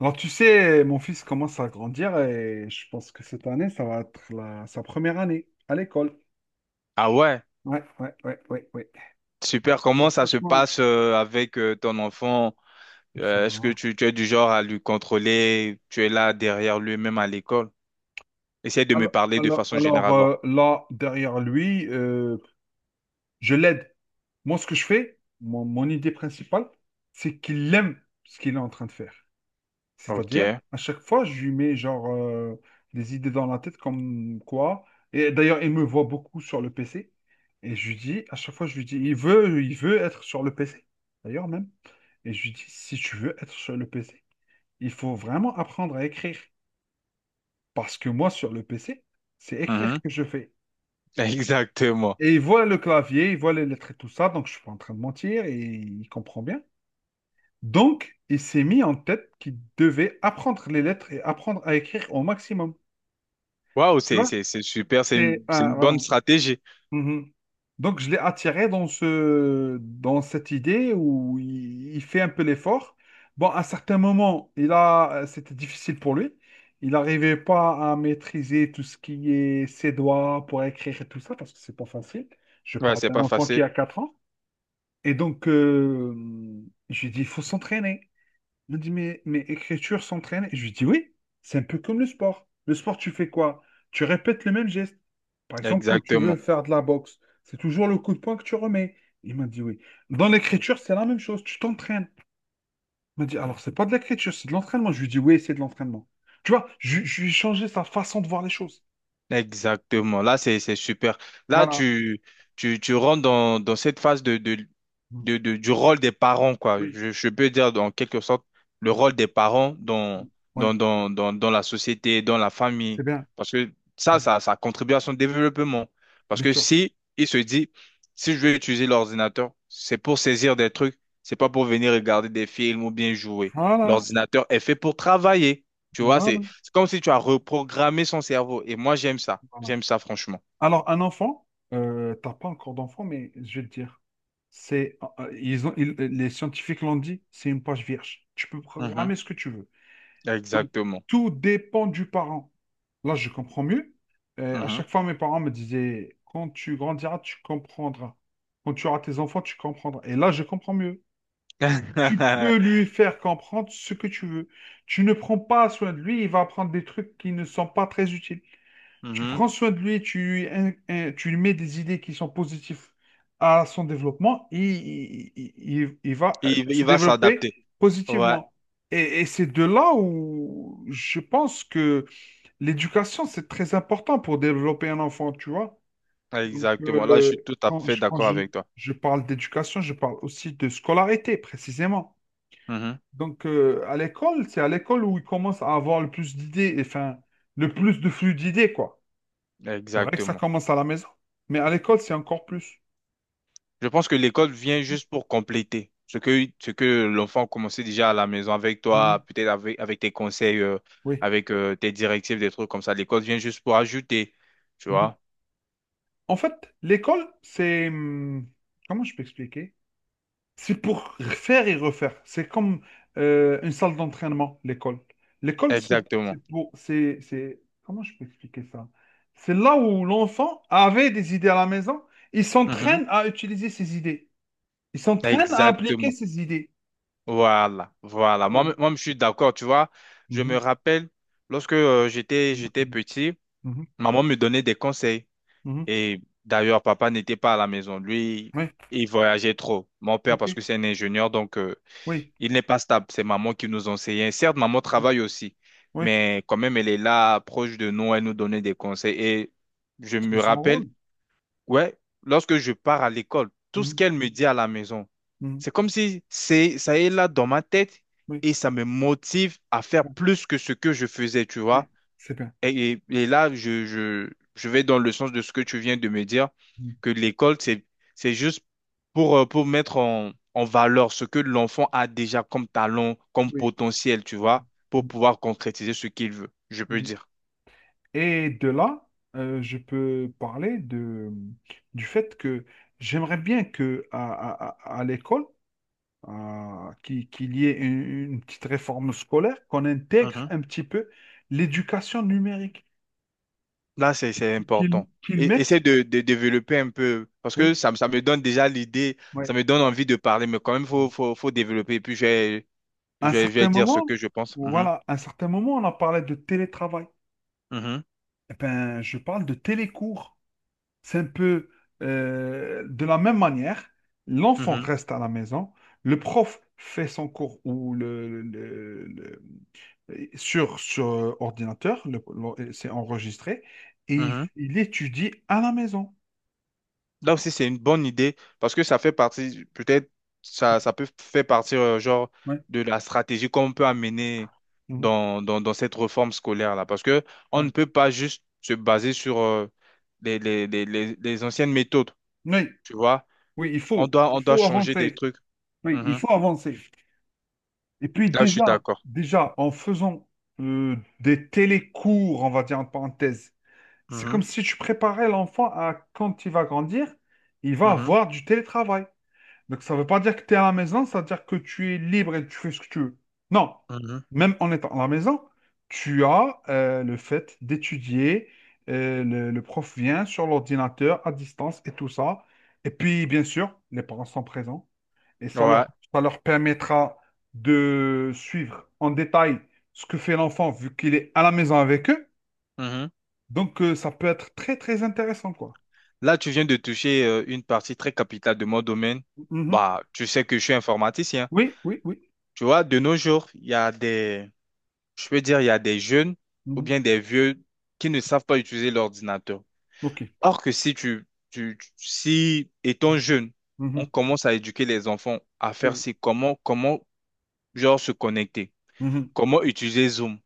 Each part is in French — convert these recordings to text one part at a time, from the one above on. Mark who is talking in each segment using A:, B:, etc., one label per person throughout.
A: Alors, tu sais, mon fils commence à grandir et je pense que cette année, ça va être sa première année à l'école.
B: Ah ouais,
A: Ouais, ouais, ouais, ouais, ouais.
B: super.
A: Bah,
B: Comment ça se
A: franchement,
B: passe avec ton enfant?
A: ça
B: Est-ce que
A: va.
B: tu es du genre à lui contrôler? Tu es là derrière lui, même à l'école? Essaye de me
A: Alors,
B: parler de
A: alors,
B: façon
A: alors,
B: générale, voir.
A: euh, là, derrière lui, je l'aide. Moi, ce que je fais, mon idée principale, c'est qu'il aime ce qu'il est en train de faire. C'est-à-dire,
B: Ok.
A: à chaque fois, je lui mets genre des idées dans la tête comme quoi. Et d'ailleurs, il me voit beaucoup sur le PC. Et je lui dis, à chaque fois, je lui dis, il veut être sur le PC. D'ailleurs même. Et je lui dis, si tu veux être sur le PC, il faut vraiment apprendre à écrire. Parce que moi, sur le PC, c'est écrire
B: Mhm.
A: que je fais.
B: Exactement.
A: Et il voit le clavier, il voit les lettres et tout ça, donc je suis pas en train de mentir et il comprend bien. Donc, il s'est mis en tête qu'il devait apprendre les lettres et apprendre à écrire au maximum.
B: Waouh,
A: Tu vois?
B: c'est super.
A: C'est,
B: C'est
A: ah,
B: une
A: voilà.
B: bonne stratégie.
A: Mhm. Donc, je l'ai attiré dans dans cette idée où il fait un peu l'effort. Bon, à certains moments, c'était difficile pour lui. Il n'arrivait pas à maîtriser tout ce qui est ses doigts pour écrire et tout ça, parce que c'est pas facile. Je
B: Ouais,
A: parle
B: c'est
A: d'un
B: pas
A: enfant qui
B: facile.
A: a 4 ans. Et donc, je lui ai dit, il faut s'entraîner. Il me dit, mais écriture s'entraîne? Et je lui dis, oui, c'est un peu comme le sport. Le sport, tu fais quoi? Tu répètes le même geste. Par exemple, quand tu veux
B: Exactement.
A: faire de la boxe, c'est toujours le coup de poing que tu remets. Il m'a dit, oui. Dans l'écriture, c'est la même chose. Tu t'entraînes. Il m'a dit, alors, c'est pas de l'écriture, c'est de l'entraînement. Je lui dis, oui, c'est de l'entraînement. Tu vois, je lui ai changé sa façon de voir les choses.
B: Exactement. Là, c'est super. Là,
A: Voilà.
B: tu rentres dans cette phase
A: Mm.
B: du rôle des parents, quoi.
A: Oui.
B: Je peux dire, en quelque sorte, le rôle des parents
A: Mm. Oui,
B: dans la société, dans la
A: c'est
B: famille.
A: bien.
B: Parce que
A: Mm.
B: ça contribue à son développement. Parce
A: Bien
B: que
A: sûr.
B: si il se dit, si je vais utiliser l'ordinateur, c'est pour saisir des trucs, c'est pas pour venir regarder des films ou bien jouer.
A: Voilà.
B: L'ordinateur est fait pour travailler. Tu vois,
A: Voilà.
B: c'est comme si tu as reprogrammé son cerveau. Et moi, j'aime ça.
A: Voilà.
B: J'aime ça, franchement.
A: Alors, un enfant, t'as pas encore d'enfant, mais je vais te dire, c'est, les scientifiques l'ont dit, c'est une page vierge. Tu peux
B: Mhm.
A: programmer ce que tu veux. Donc,
B: Exactement.
A: tout dépend du parent. Là, je comprends mieux. À
B: Mhm.
A: chaque fois, mes parents me disaient, quand tu grandiras, tu comprendras. Quand tu auras tes enfants, tu comprendras. Et là, je comprends mieux. Tu peux lui faire comprendre ce que tu veux. Tu ne prends pas soin de lui, il va apprendre des trucs qui ne sont pas très utiles. Tu
B: Mhm.
A: prends soin de lui, tu lui mets des idées qui sont positives à son développement, il va se
B: Il va
A: développer
B: s'adapter. Ouais,
A: positivement. Et c'est de là où je pense que l'éducation, c'est très important pour développer un enfant, tu vois. Donc,
B: exactement. Là, je suis tout à fait
A: quand
B: d'accord avec toi.
A: je parle d'éducation, je parle aussi de scolarité, précisément.
B: Mhm.
A: Donc, à l'école, c'est à l'école où il commence à avoir le plus d'idées, enfin, le plus de flux d'idées, quoi. C'est vrai que ça
B: Exactement.
A: commence à la maison, mais à l'école, c'est encore plus.
B: Je pense que l'école vient juste pour compléter ce que l'enfant commençait déjà à la maison avec
A: Mhm.
B: toi, peut-être avec tes conseils,
A: Oui.
B: avec tes directives, des trucs comme ça. L'école vient juste pour ajouter, tu
A: Mhm.
B: vois.
A: En fait, l'école, Comment je peux expliquer? C'est pour faire et refaire. C'est comme une salle d'entraînement, l'école. L'école, c'est
B: Exactement.
A: pour... C'est... Comment je peux expliquer ça? C'est là où l'enfant avait des idées à la maison. Il
B: Mhm.
A: s'entraîne à utiliser ses idées. Il s'entraîne à appliquer
B: Exactement.
A: ses idées.
B: Voilà, voilà.
A: Voilà.
B: Moi, je suis d'accord, tu vois. Je me
A: Mhm.
B: rappelle, lorsque j'étais
A: Mhm.
B: petit,
A: Mhm.
B: maman me donnait des conseils.
A: Mhm.
B: Et d'ailleurs, papa n'était pas à la maison. Lui,
A: Oui.
B: il voyageait trop. Mon père,
A: OK.
B: parce que c'est un ingénieur, donc
A: Oui.
B: il n'est pas stable. C'est maman qui nous enseignait. Certes, maman travaille aussi,
A: Oui.
B: mais quand même, elle est là, proche de nous, elle nous donnait des conseils. Et je
A: C'est
B: me
A: son
B: rappelle,
A: rôle.
B: ouais, lorsque je pars à l'école, tout ce
A: Mhm.
B: qu'elle me dit à la maison,
A: Mhm.
B: c'est comme si ça est là dans ma tête
A: Oui,
B: et ça me motive à faire plus que ce que je faisais, tu
A: oui,
B: vois.
A: c'est bien.
B: Et là, je vais dans le sens de ce que tu viens de me dire,
A: Mhm.
B: que l'école, c'est juste pour mettre en, en valeur ce que l'enfant a déjà comme talent, comme
A: Oui.
B: potentiel, tu vois, pour
A: Mhm.
B: pouvoir concrétiser ce qu'il veut, je peux
A: Mhm.
B: dire.
A: Et de là, je peux parler de, du fait que j'aimerais bien que à l'école, qu'il y ait une petite réforme scolaire, qu'on intègre un petit peu l'éducation numérique,
B: Là, c'est important.
A: qu'ils
B: Et,
A: mettent.
B: essaie de développer un peu, parce
A: Oui,
B: que ça me donne déjà l'idée, ça
A: oui.
B: me donne envie de parler, mais quand même, faut développer. Et puis,
A: À un
B: je vais
A: certain
B: dire ce
A: moment,
B: que je pense. Mhm,
A: voilà, à un certain moment, on a parlé de télétravail.
B: mhm,
A: Eh ben, je parle de télécours. C'est un peu de la même manière, l'enfant
B: mhm,
A: reste à la maison, le prof fait son cours ou sur, sur ordinateur, le- c'est enregistré, et
B: mhm.
A: il étudie à la maison.
B: Là aussi, c'est une bonne idée, parce que ça fait partie, peut-être, ça peut faire partie, genre,
A: Ouais,
B: de la stratégie qu'on peut amener
A: mhm,
B: dans cette réforme scolaire-là. Parce que on
A: ouais.
B: ne peut pas juste se baser sur les anciennes méthodes,
A: Oui,
B: tu vois.
A: oui, il
B: On doit
A: faut
B: changer des
A: avancer.
B: trucs.
A: Oui, il
B: Mhm.
A: faut avancer. Et puis
B: Là, je suis
A: déjà,
B: d'accord.
A: déjà, en faisant des télécours, on va dire en parenthèse, c'est comme
B: Mhm.
A: si tu préparais l'enfant à quand il va grandir, il va
B: Mhm.
A: avoir du télétravail. Donc ça ne veut pas dire que tu es à la maison, ça veut dire que tu es libre et tu fais ce que tu veux. Non,
B: Mhm.
A: même en étant à la maison, tu as le fait d'étudier, le prof vient sur l'ordinateur à distance et tout ça. Et puis, bien sûr, les parents sont présents et ça leur,
B: Ouais.
A: ça leur permettra de suivre en détail ce que fait l'enfant vu qu'il est à la maison avec eux.
B: Mhm.
A: Donc, ça peut être très, très intéressant, quoi.
B: Là, tu viens de toucher une partie très capitale de mon domaine.
A: Mhm.
B: Bah, tu sais que je suis informaticien.
A: Oui, oui, oui.
B: Tu vois, de nos jours, il y a des, je peux dire, il y a des jeunes ou
A: Mhm.
B: bien des vieux qui ne savent pas utiliser l'ordinateur.
A: OK.
B: Or que si si étant jeune, on
A: Mhm.
B: commence à éduquer les enfants à faire
A: Oui.
B: c'est comment, genre se connecter,
A: Mhm.
B: comment utiliser Zoom,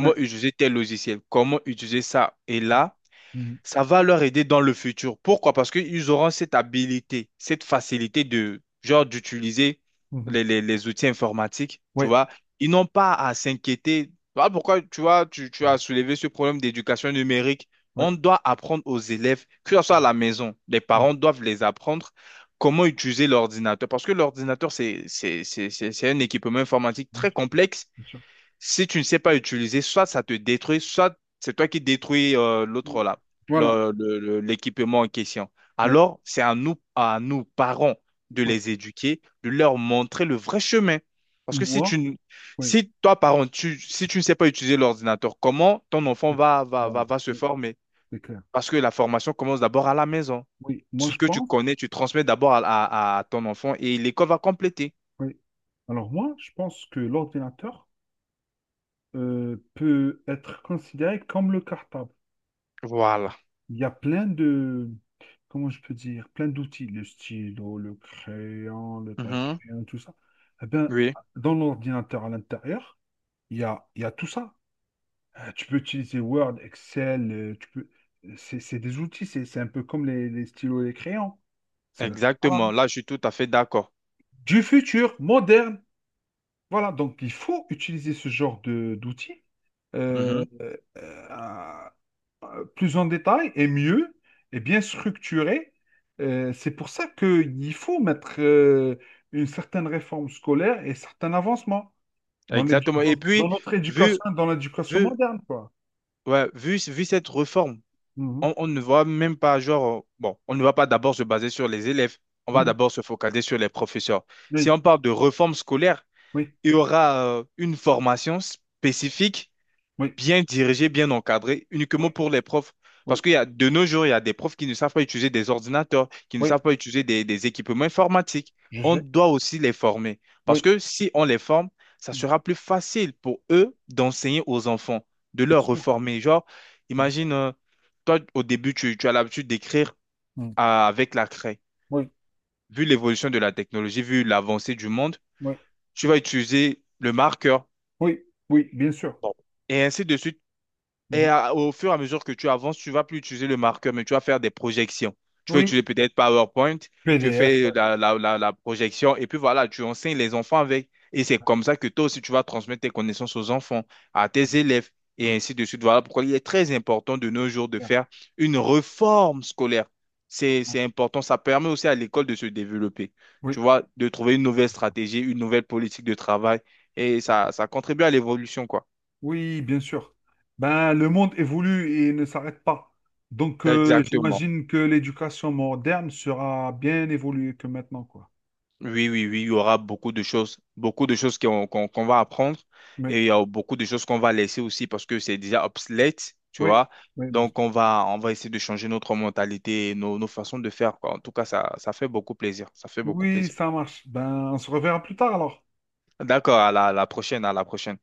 A: Ouais.
B: utiliser tel logiciel, comment utiliser ça. Et là,
A: Mhm.
B: ça va leur aider dans le futur. Pourquoi? Parce qu'ils auront cette habilité, cette facilité de, genre, d'utiliser
A: Mhm.
B: les outils informatiques, tu
A: Ouais.
B: vois. Ils n'ont pas à s'inquiéter. Voilà pourquoi, tu vois, tu
A: Mhm.
B: as soulevé ce problème d'éducation numérique. On
A: Ouais.
B: doit apprendre aux élèves, que ce soit à la maison, les
A: Mhm.
B: parents doivent les apprendre comment utiliser l'ordinateur. Parce que l'ordinateur, c'est un équipement informatique
A: Bien
B: très
A: sûr,
B: complexe
A: bien sûr.
B: si tu ne sais pas utiliser, soit ça te détruit, soit c'est toi qui détruis l'autre
A: Mhm.
B: là,
A: Voilà.
B: l'équipement en question.
A: Oui.
B: Alors, c'est à nous, parents, de
A: Ouais.
B: les éduquer, de leur montrer le vrai chemin. Parce que
A: Moi, oui.
B: si toi, parent, si tu ne sais pas utiliser l'ordinateur, comment ton enfant
A: Ok. Bon,
B: va se
A: oui,
B: former?
A: c'est clair.
B: Parce que la formation commence d'abord à la maison.
A: Oui, moi,
B: Ce
A: je
B: que tu
A: pense.
B: connais, tu transmets d'abord à ton enfant et l'école va compléter.
A: Oui. Alors, moi, je pense que l'ordinateur peut être considéré comme le cartable.
B: Voilà.
A: Il y a plein de, comment je peux dire, plein d'outils, le stylo, le crayon, le papier,
B: Mhm.
A: tout ça. Eh bien,
B: Oui,
A: dans l'ordinateur à l'intérieur, il y a tout ça. Tu peux utiliser Word, Excel, c'est des outils, c'est un peu comme les stylos et les crayons. Voilà.
B: exactement. Là, je suis tout à fait d'accord.
A: Du futur, moderne. Voilà, donc il faut utiliser ce genre de d'outils euh,
B: Mhm.
A: euh, plus en détail et mieux et bien structuré. C'est pour ça qu'il faut mettre une certaine réforme scolaire et certains avancements
B: Exactement. Et
A: dans
B: puis,
A: notre
B: vu,
A: éducation, dans l'éducation
B: vu,
A: moderne, quoi.
B: ouais, vu cette réforme,
A: Mhm,
B: on ne va même pas, genre, bon, on ne va pas d'abord se baser sur les élèves, on va
A: mhm.
B: d'abord se focaliser sur les professeurs. Si
A: Oui,
B: on parle de réforme scolaire,
A: oui,
B: il y aura une formation spécifique
A: oui,
B: bien dirigé, bien encadré, uniquement
A: oui,
B: pour les profs. Parce
A: oui,
B: qu'il y a, de nos jours, il y a des profs qui ne savent pas utiliser des ordinateurs, qui ne
A: oui,
B: savent pas utiliser des équipements informatiques.
A: je
B: On
A: sais,
B: doit aussi les former. Parce
A: oui,
B: que si on les forme, ça
A: bien
B: sera plus facile pour eux d'enseigner aux enfants, de leur
A: sûr,
B: reformer. Genre,
A: bien sûr.
B: imagine, toi, au début, tu as l'habitude d'écrire
A: Mhm.
B: avec la craie.
A: Oui,
B: Vu l'évolution de la technologie, vu l'avancée du monde,
A: oui,
B: tu vas utiliser le marqueur
A: oui, oui, bien sûr.
B: et ainsi de suite. Et
A: Mhm.
B: au fur et à mesure que tu avances, tu vas plus utiliser le marqueur, mais tu vas faire des projections. Tu vas
A: Oui,
B: utiliser peut-être PowerPoint, tu
A: PDF,
B: fais
A: ouais.
B: la projection, et puis voilà, tu enseignes les enfants avec. Et c'est
A: Ouais.
B: comme ça que toi aussi, tu vas transmettre tes connaissances aux enfants, à tes élèves, et
A: Oui,
B: ainsi de suite. Voilà pourquoi il est très important de nos jours de
A: bien,
B: faire une réforme scolaire.
A: ouais.
B: C'est important. Ça permet aussi à l'école de se développer,
A: Oui,
B: tu vois, de trouver une nouvelle stratégie, une nouvelle politique de travail, et
A: d'accord.
B: ça contribue à l'évolution, quoi.
A: Oui, bien sûr. Ben, le monde évolue et ne s'arrête pas. Donc,
B: Exactement.
A: j'imagine que l'éducation moderne sera bien évoluée que maintenant, quoi.
B: Oui, il y aura beaucoup de choses qu'on va apprendre
A: Mais,
B: et il y a beaucoup de choses qu'on va laisser aussi parce que c'est déjà obsolète, tu
A: oui,
B: vois.
A: oui, bien sûr.
B: Donc, on va essayer de changer notre mentalité et nos façons de faire, quoi. En tout cas, ça fait beaucoup plaisir. Ça fait beaucoup
A: Oui,
B: plaisir.
A: ça marche. Ben, on se reverra plus tard alors.
B: D'accord, à la prochaine, à la prochaine.